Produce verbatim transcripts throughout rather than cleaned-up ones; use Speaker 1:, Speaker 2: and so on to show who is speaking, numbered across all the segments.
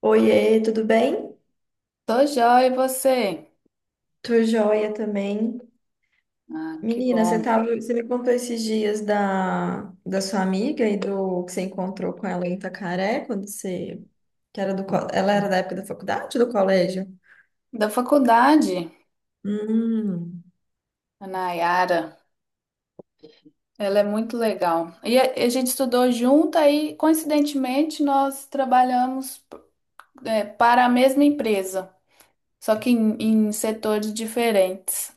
Speaker 1: Oiê, tudo bem?
Speaker 2: Tô joia, e você?
Speaker 1: Tô joia também.
Speaker 2: Ah, que
Speaker 1: Menina, você
Speaker 2: bom.
Speaker 1: tava, você me contou esses dias da, da sua amiga e do que você encontrou com ela em Itacaré, quando você, que era do, co- ela era da época da faculdade, ou do colégio?
Speaker 2: Da faculdade,
Speaker 1: Hum.
Speaker 2: a Nayara, ela é muito legal. E a, a gente estudou junto, aí, coincidentemente, nós trabalhamos, é, para a mesma empresa, só que em, em setores diferentes.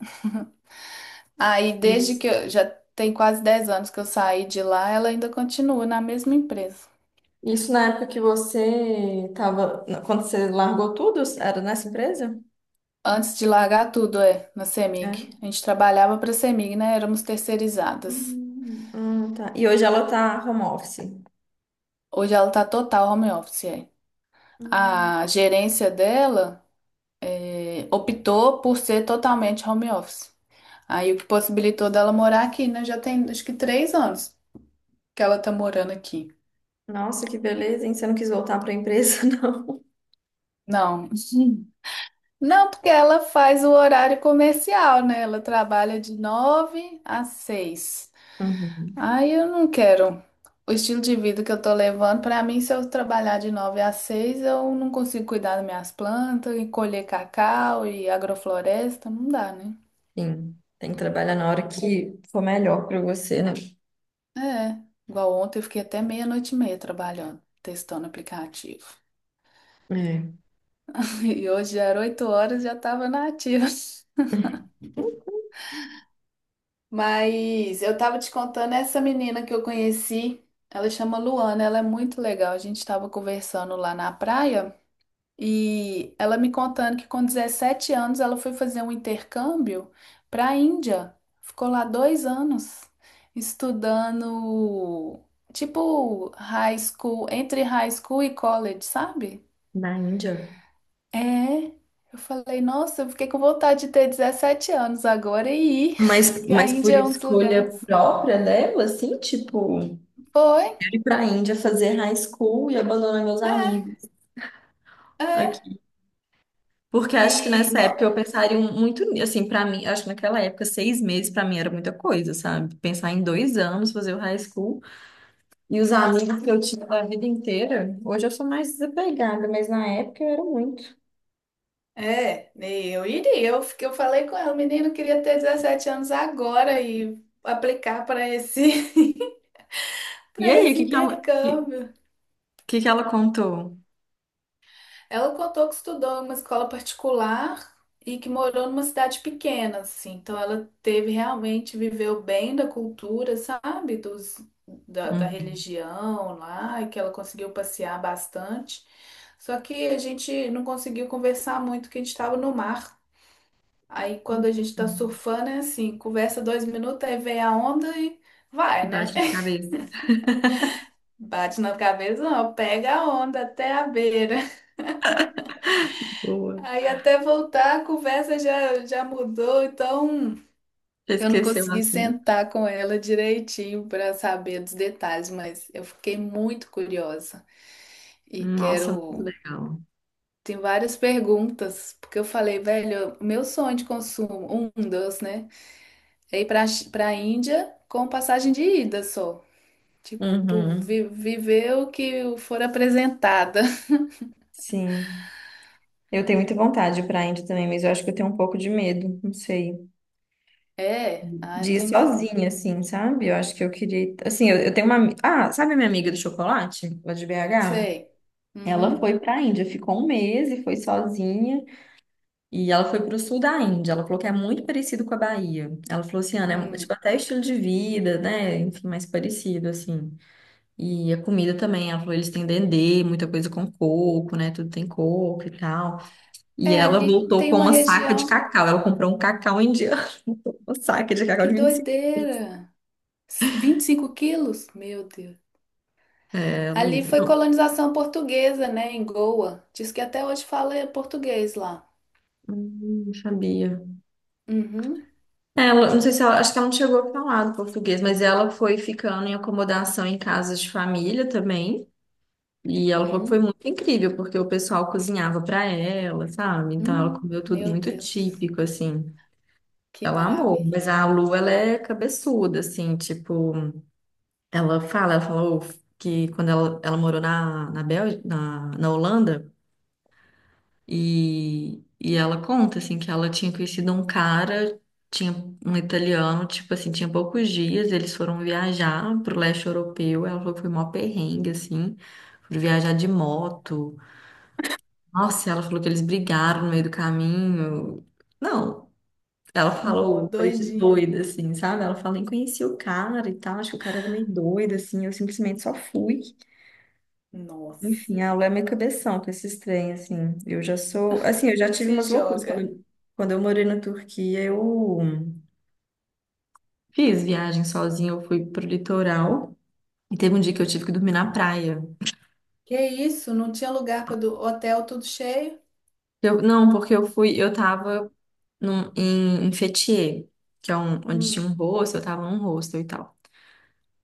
Speaker 2: Aí, desde
Speaker 1: Isso.
Speaker 2: que eu já Tem quase dez anos que eu saí de lá, ela ainda continua na mesma empresa.
Speaker 1: Isso na época que você tava, quando você largou tudo, era nessa empresa?
Speaker 2: Antes de largar tudo, é, na
Speaker 1: É.
Speaker 2: CEMIG. A gente trabalhava para a CEMIG, né? Éramos terceirizadas.
Speaker 1: Hum, ah, tá. E hoje ela tá home office.
Speaker 2: Hoje ela tá total home office, é.
Speaker 1: Hum.
Speaker 2: A gerência dela eh, optou por ser totalmente home office. Aí o que possibilitou dela morar aqui, né? Já tem acho que três anos que ela tá morando aqui.
Speaker 1: Nossa, que
Speaker 2: E-
Speaker 1: beleza, hein? Você não quis voltar para a empresa, não?
Speaker 2: Não. Sim. Não, porque ela faz o horário comercial, né? Ela trabalha de nove às seis.
Speaker 1: Uhum.
Speaker 2: Aí eu não quero. O estilo de vida que eu tô levando, pra mim, se eu trabalhar de nove às seis, eu não consigo cuidar das minhas plantas e colher cacau e agrofloresta, não dá, né?
Speaker 1: Sim, tem que trabalhar na hora que for melhor para você, né?
Speaker 2: É, igual ontem eu fiquei até meia-noite e meia trabalhando, testando o aplicativo.
Speaker 1: É.
Speaker 2: E hoje já era oito horas e já estava na ativa. Mas eu tava te contando essa menina que eu conheci, ela chama Luana, ela é muito legal. A gente estava conversando lá na praia. E ela me contando que com dezessete anos ela foi fazer um intercâmbio para a Índia. Ficou lá dois anos estudando, tipo, high school, entre high school e college, sabe?
Speaker 1: Na Índia.
Speaker 2: É. Eu falei, nossa, eu fiquei com vontade de ter dezessete anos agora e ir,
Speaker 1: Mas,
Speaker 2: que a
Speaker 1: mas por
Speaker 2: Índia é um dos
Speaker 1: escolha
Speaker 2: lugares.
Speaker 1: própria dela, assim, tipo, eu
Speaker 2: Foi?
Speaker 1: ir pra Índia fazer high school e abandonar meus amigos
Speaker 2: É, é.
Speaker 1: aqui. Porque acho que
Speaker 2: E
Speaker 1: nessa
Speaker 2: no-
Speaker 1: época eu pensaria um, muito, ni- assim, pra mim, acho que naquela época, seis meses pra mim era muita coisa, sabe? Pensar em dois anos, fazer o high school e os amigos que eu tinha da vida inteira. Hoje eu sou mais desapegada, mas na época eu era muito.
Speaker 2: É, nem eu iria. Eu, fiquei- eu falei com ela, o menino queria ter dezessete anos agora e aplicar para esse,
Speaker 1: E
Speaker 2: para
Speaker 1: aí, o
Speaker 2: esse
Speaker 1: que que ela, o
Speaker 2: intercâmbio.
Speaker 1: que que ela contou?
Speaker 2: Ela contou que estudou em uma escola particular e que morou numa cidade pequena, assim. Então ela teve realmente, viveu bem da cultura, sabe? Dos, da, da
Speaker 1: Uhum.
Speaker 2: religião lá, e que ela conseguiu passear bastante. Só que a gente não conseguiu conversar muito, que a gente estava no mar. Aí quando a gente tá
Speaker 1: Uhum.
Speaker 2: surfando é assim, conversa dois minutos, aí vem a onda e
Speaker 1: E
Speaker 2: vai, né?
Speaker 1: bate na cabeça.
Speaker 2: Bate na cabeça, não, pega a onda até a beira.
Speaker 1: Boa.
Speaker 2: Aí até voltar a conversa já, já mudou, então
Speaker 1: Já
Speaker 2: eu não
Speaker 1: esqueceu o
Speaker 2: consegui
Speaker 1: assunto.
Speaker 2: sentar com ela direitinho para saber dos detalhes, mas eu fiquei muito curiosa e
Speaker 1: Nossa, muito
Speaker 2: quero.
Speaker 1: legal.
Speaker 2: Tem várias perguntas, porque eu falei, velho, meu sonho de consumo, um dos, né? É ir para para Índia com passagem de ida só. Tipo,
Speaker 1: Uhum.
Speaker 2: vi- viver o que for apresentada.
Speaker 1: Sim. Eu tenho muita vontade para a Índia também, mas eu acho que eu tenho um pouco de medo, não sei.
Speaker 2: É, ah,
Speaker 1: De ir
Speaker 2: tem medo não.
Speaker 1: sozinha, assim, sabe? Eu acho que eu queria. ir- Assim, eu, eu tenho uma. Ami- Ah, sabe a minha amiga do chocolate, lá de B H?
Speaker 2: Sei.
Speaker 1: Ela
Speaker 2: Uhum.
Speaker 1: foi para a Índia, ficou um mês e foi sozinha. E ela foi para o sul da Índia. Ela falou que é muito parecido com a Bahia. Ela falou assim, Ana, é
Speaker 2: Hum.
Speaker 1: tipo até estilo de vida, né? Enfim, mais parecido, assim. E a comida também, ela falou, eles têm dendê, muita coisa com coco, né? Tudo tem coco e tal. E
Speaker 2: É,
Speaker 1: ela
Speaker 2: ali
Speaker 1: voltou
Speaker 2: tem
Speaker 1: com
Speaker 2: uma
Speaker 1: uma saca de
Speaker 2: região.
Speaker 1: cacau. Ela comprou um cacau indiano, uma saca de cacau
Speaker 2: Que
Speaker 1: de vinte e cinco.
Speaker 2: doideira! S- vinte e cinco quilos? Meu Deus.
Speaker 1: É,
Speaker 2: Ali
Speaker 1: Luísa.
Speaker 2: foi
Speaker 1: Não,
Speaker 2: colonização portuguesa, né? Em Goa. Diz que até hoje fala português lá.
Speaker 1: hum, não sabia.
Speaker 2: Uhum.
Speaker 1: Ela, não sei se ela, acho que ela não chegou a falar do português, mas ela foi ficando em acomodação em casas de família também. E ela falou que foi
Speaker 2: Uhum.
Speaker 1: muito incrível, porque o pessoal cozinhava para ela, sabe? Então ela
Speaker 2: Hum.
Speaker 1: comeu tudo
Speaker 2: Meu
Speaker 1: muito
Speaker 2: Deus.
Speaker 1: típico, assim.
Speaker 2: Que
Speaker 1: Ela amou,
Speaker 2: maravilha.
Speaker 1: mas a Lu, ela é cabeçuda, assim, tipo, ela fala, ela falou que quando ela, ela morou na, na Bélgica, na, na Holanda, e, e ela conta, assim, que ela tinha conhecido um cara, tinha um italiano, tipo assim, tinha poucos dias, eles foram viajar pro leste europeu, ela falou que foi mó perrengue, assim, foram viajar de moto. Nossa, ela falou que eles brigaram no meio do caminho. Não. Ela
Speaker 2: Nó,
Speaker 1: falou coisa de
Speaker 2: doidinha.
Speaker 1: doida, assim, sabe? Ela falou, nem conhecia o cara e tal, acho que o cara era meio doido, assim, eu simplesmente só fui.
Speaker 2: Nossa.
Speaker 1: Enfim, ela é meio cabeção com esses trem, assim. Eu já sou, assim, eu já tive
Speaker 2: Se
Speaker 1: umas loucuras.
Speaker 2: joga.
Speaker 1: Quando, eu- quando eu morei na Turquia, eu fiz viagem sozinha, eu fui pro litoral e teve um dia que eu tive que dormir na praia.
Speaker 2: Que isso? Não tinha lugar para do hotel tudo cheio?
Speaker 1: Eu, não, porque eu fui, eu tava num, em, em Fethiye, que é um, onde tinha
Speaker 2: Hum,
Speaker 1: um rosto eu tava num rosto e tal.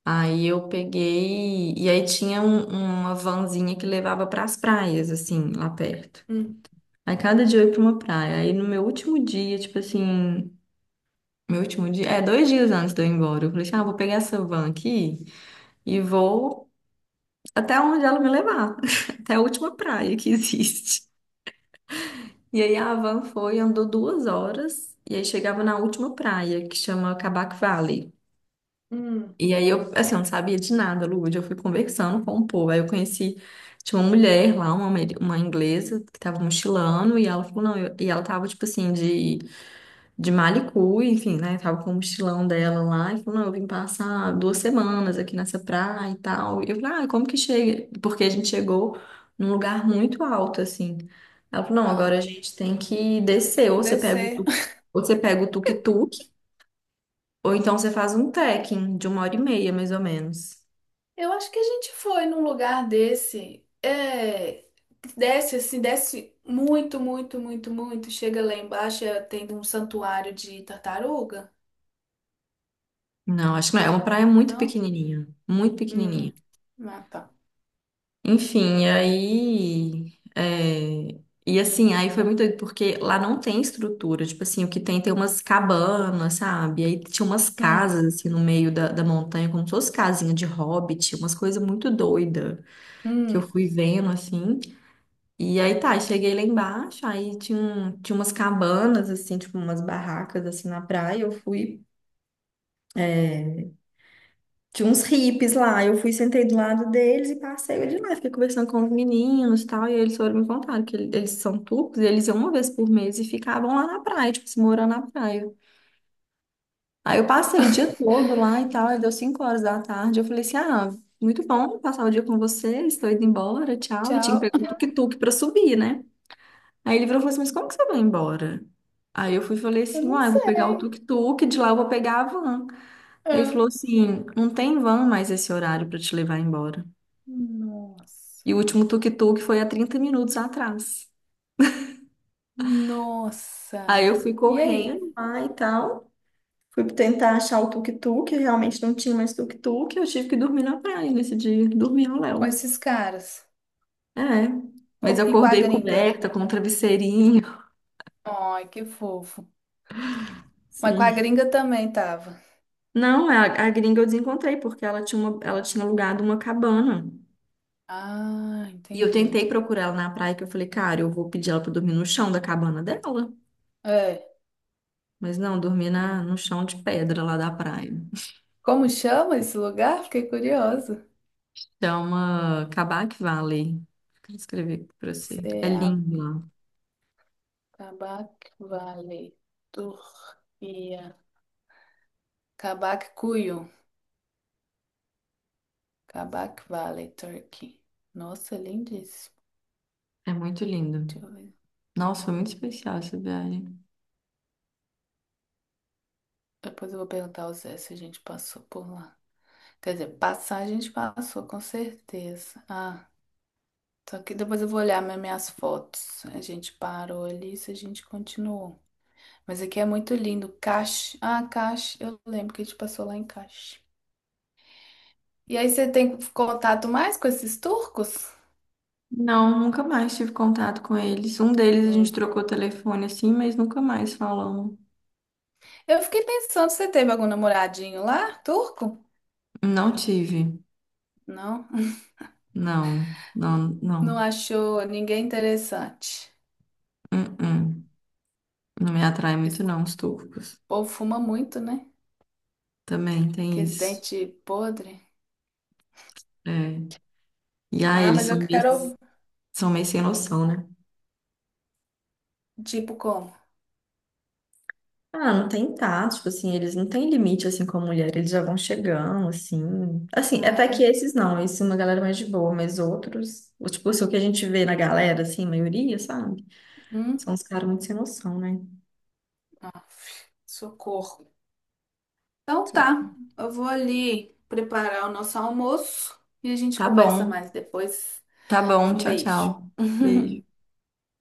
Speaker 1: Aí eu peguei, e aí tinha um- uma vanzinha que levava para as praias, assim, lá perto.
Speaker 2: hum,
Speaker 1: Aí cada dia eu ia para uma praia. Aí no meu último dia, tipo assim, meu último dia, é, dois dias antes de eu ir embora, eu falei assim: ah, vou pegar essa van aqui e vou até onde ela me levar, até a última praia que existe. E aí a van foi, andou duas horas, e aí chegava na última praia, que chama Cabac Valley.
Speaker 2: hum.
Speaker 1: E aí eu, assim, eu não sabia de nada, Lude. Eu fui conversando com o povo. Aí eu conheci, tinha uma mulher lá, uma, amer- uma inglesa, que tava mochilando, e ela falou, não, eu- e ela tava, tipo assim, de, de Malicu, enfim, né? Tava com o mochilão dela lá, e falou, não, eu vim passar duas semanas aqui nessa praia e tal. E eu falei, ah, como que chega? Porque a gente chegou num lugar muito alto, assim. Ela falou, não, agora
Speaker 2: Ah,
Speaker 1: a gente tem que descer, ou você pega o
Speaker 2: descer.
Speaker 1: tuk, ou você pega o tuk-tuk, ou então você faz um trekking de uma hora e meia, mais ou menos.
Speaker 2: Eu acho que a gente foi num lugar desse. É, que desce assim, desce muito, muito, muito, muito. Chega lá embaixo, é, tem um santuário de tartaruga,
Speaker 1: Não, acho que não. É uma praia muito
Speaker 2: não?
Speaker 1: pequenininha. Muito pequenininha.
Speaker 2: Hum, ah, tá.
Speaker 1: Enfim, e aí. é, E assim, aí foi muito doido, porque lá não tem estrutura. Tipo assim, o que tem tem umas cabanas, sabe? E aí tinha umas
Speaker 2: Hum,
Speaker 1: casas, assim, no meio da, da montanha, como se fosse casinha de hobbit, umas coisas muito doidas que eu
Speaker 2: hum.
Speaker 1: fui vendo, assim. E aí tá, cheguei lá embaixo, aí tinha, um- tinha umas cabanas, assim, tipo umas barracas, assim, na praia. Eu fui. Tinha uns hippies lá. Eu fui, sentei do lado deles e passei de lá. Fiquei conversando com os meninos e tal. E eles foram me contar que ele- eles são turcos e eles iam uma vez por mês e ficavam lá na praia, tipo, se morando na praia. Aí eu passei o dia todo lá e tal. Aí deu cinco horas da tarde. Eu falei assim: ah, muito bom passar o dia com vocês. Estou indo embora, tchau. E tinha que
Speaker 2: Tchau.
Speaker 1: pegar um tuk-tuk pra subir, né? Aí ele virou e falou assim: mas como que você vai embora? Aí eu fui e falei
Speaker 2: Eu
Speaker 1: assim:
Speaker 2: não
Speaker 1: ah, eu vou pegar o
Speaker 2: sei.
Speaker 1: tuk-tuk, de lá eu vou pegar a van. Aí ele
Speaker 2: Ah,
Speaker 1: falou assim: não tem van mais esse horário pra te levar embora. E o
Speaker 2: nossa,
Speaker 1: último tuk-tuk foi há trinta minutos atrás. Aí eu
Speaker 2: nossa.
Speaker 1: fui
Speaker 2: E aí?
Speaker 1: correndo lá e tal. Fui tentar achar o tuk-tuk, realmente não tinha mais tuk-tuk. Eu tive que dormir na praia nesse dia. Dormi no
Speaker 2: Com
Speaker 1: Léo.
Speaker 2: esses caras?
Speaker 1: É. Mas
Speaker 2: Ou-
Speaker 1: eu
Speaker 2: E com a
Speaker 1: acordei
Speaker 2: gringa?
Speaker 1: coberta com um travesseirinho.
Speaker 2: Ai, que fofo. Mas com a
Speaker 1: Sim.
Speaker 2: gringa também tava.
Speaker 1: Não, a, a gringa eu desencontrei, porque ela tinha, uma, ela tinha alugado uma cabana.
Speaker 2: Ah,
Speaker 1: E eu tentei
Speaker 2: entendi.
Speaker 1: procurar ela na praia, que eu falei, cara, eu vou pedir ela pra dormir no chão da cabana dela.
Speaker 2: É.
Speaker 1: Mas não, dormi na, no chão de pedra lá da praia.
Speaker 2: Como chama esse lugar? Fiquei curiosa.
Speaker 1: Chama Kabak Valley. Quero escrever aqui pra você. É
Speaker 2: Ceab-
Speaker 1: lindo lá.
Speaker 2: Valley, Turquia. Kabakkuyu. Kabak Valley, Turkey. Nossa, lindíssimo.
Speaker 1: É muito lindo.
Speaker 2: Deixa eu ver.
Speaker 1: Nossa, foi muito especial essa viagem.
Speaker 2: Depois eu vou perguntar ao Zé se a gente passou por lá. Quer dizer, passar a gente passou, com certeza. Ah, só que depois eu vou olhar minhas minhas fotos. A gente parou ali, se a gente continuou. Mas aqui é muito lindo. Cache. Ah, Cache. Eu lembro que a gente passou lá em Cache. E aí você tem contato mais com esses turcos?
Speaker 1: Não, nunca mais tive contato com eles. Um deles a gente
Speaker 2: Hum.
Speaker 1: trocou telefone assim, mas nunca mais falamos.
Speaker 2: Eu fiquei pensando, você teve algum namoradinho lá, turco?
Speaker 1: Não tive.
Speaker 2: Não.
Speaker 1: Não, não,
Speaker 2: Não
Speaker 1: não.
Speaker 2: achou ninguém interessante.
Speaker 1: Uh-uh. Não me atrai
Speaker 2: Esse
Speaker 1: muito não, os turcos.
Speaker 2: povo fuma muito, né?
Speaker 1: Também
Speaker 2: Que
Speaker 1: tem
Speaker 2: esse
Speaker 1: isso.
Speaker 2: dente podre.
Speaker 1: É. E ah,
Speaker 2: Ah,
Speaker 1: eles
Speaker 2: mas eu
Speaker 1: são meio,
Speaker 2: quero,
Speaker 1: são meio sem noção, né?
Speaker 2: tipo, como?
Speaker 1: Ah, não tem tato, tipo assim, eles não têm limite assim com a mulher, eles já vão chegando, assim. Assim,
Speaker 2: Ah,
Speaker 1: até que
Speaker 2: é?
Speaker 1: esses não, esse é uma galera mais de boa, mas outros, o- tipo, assim, o que a gente vê na galera, assim, maioria, sabe?
Speaker 2: Hum?
Speaker 1: São uns caras muito sem noção, né?
Speaker 2: Aff, socorro. Então
Speaker 1: Tipo,
Speaker 2: tá, eu vou ali preparar o nosso almoço e a gente
Speaker 1: Tá
Speaker 2: conversa
Speaker 1: bom,
Speaker 2: mais depois.
Speaker 1: tá bom,
Speaker 2: Um
Speaker 1: tchau,
Speaker 2: beijo.
Speaker 1: tchau. Beijo.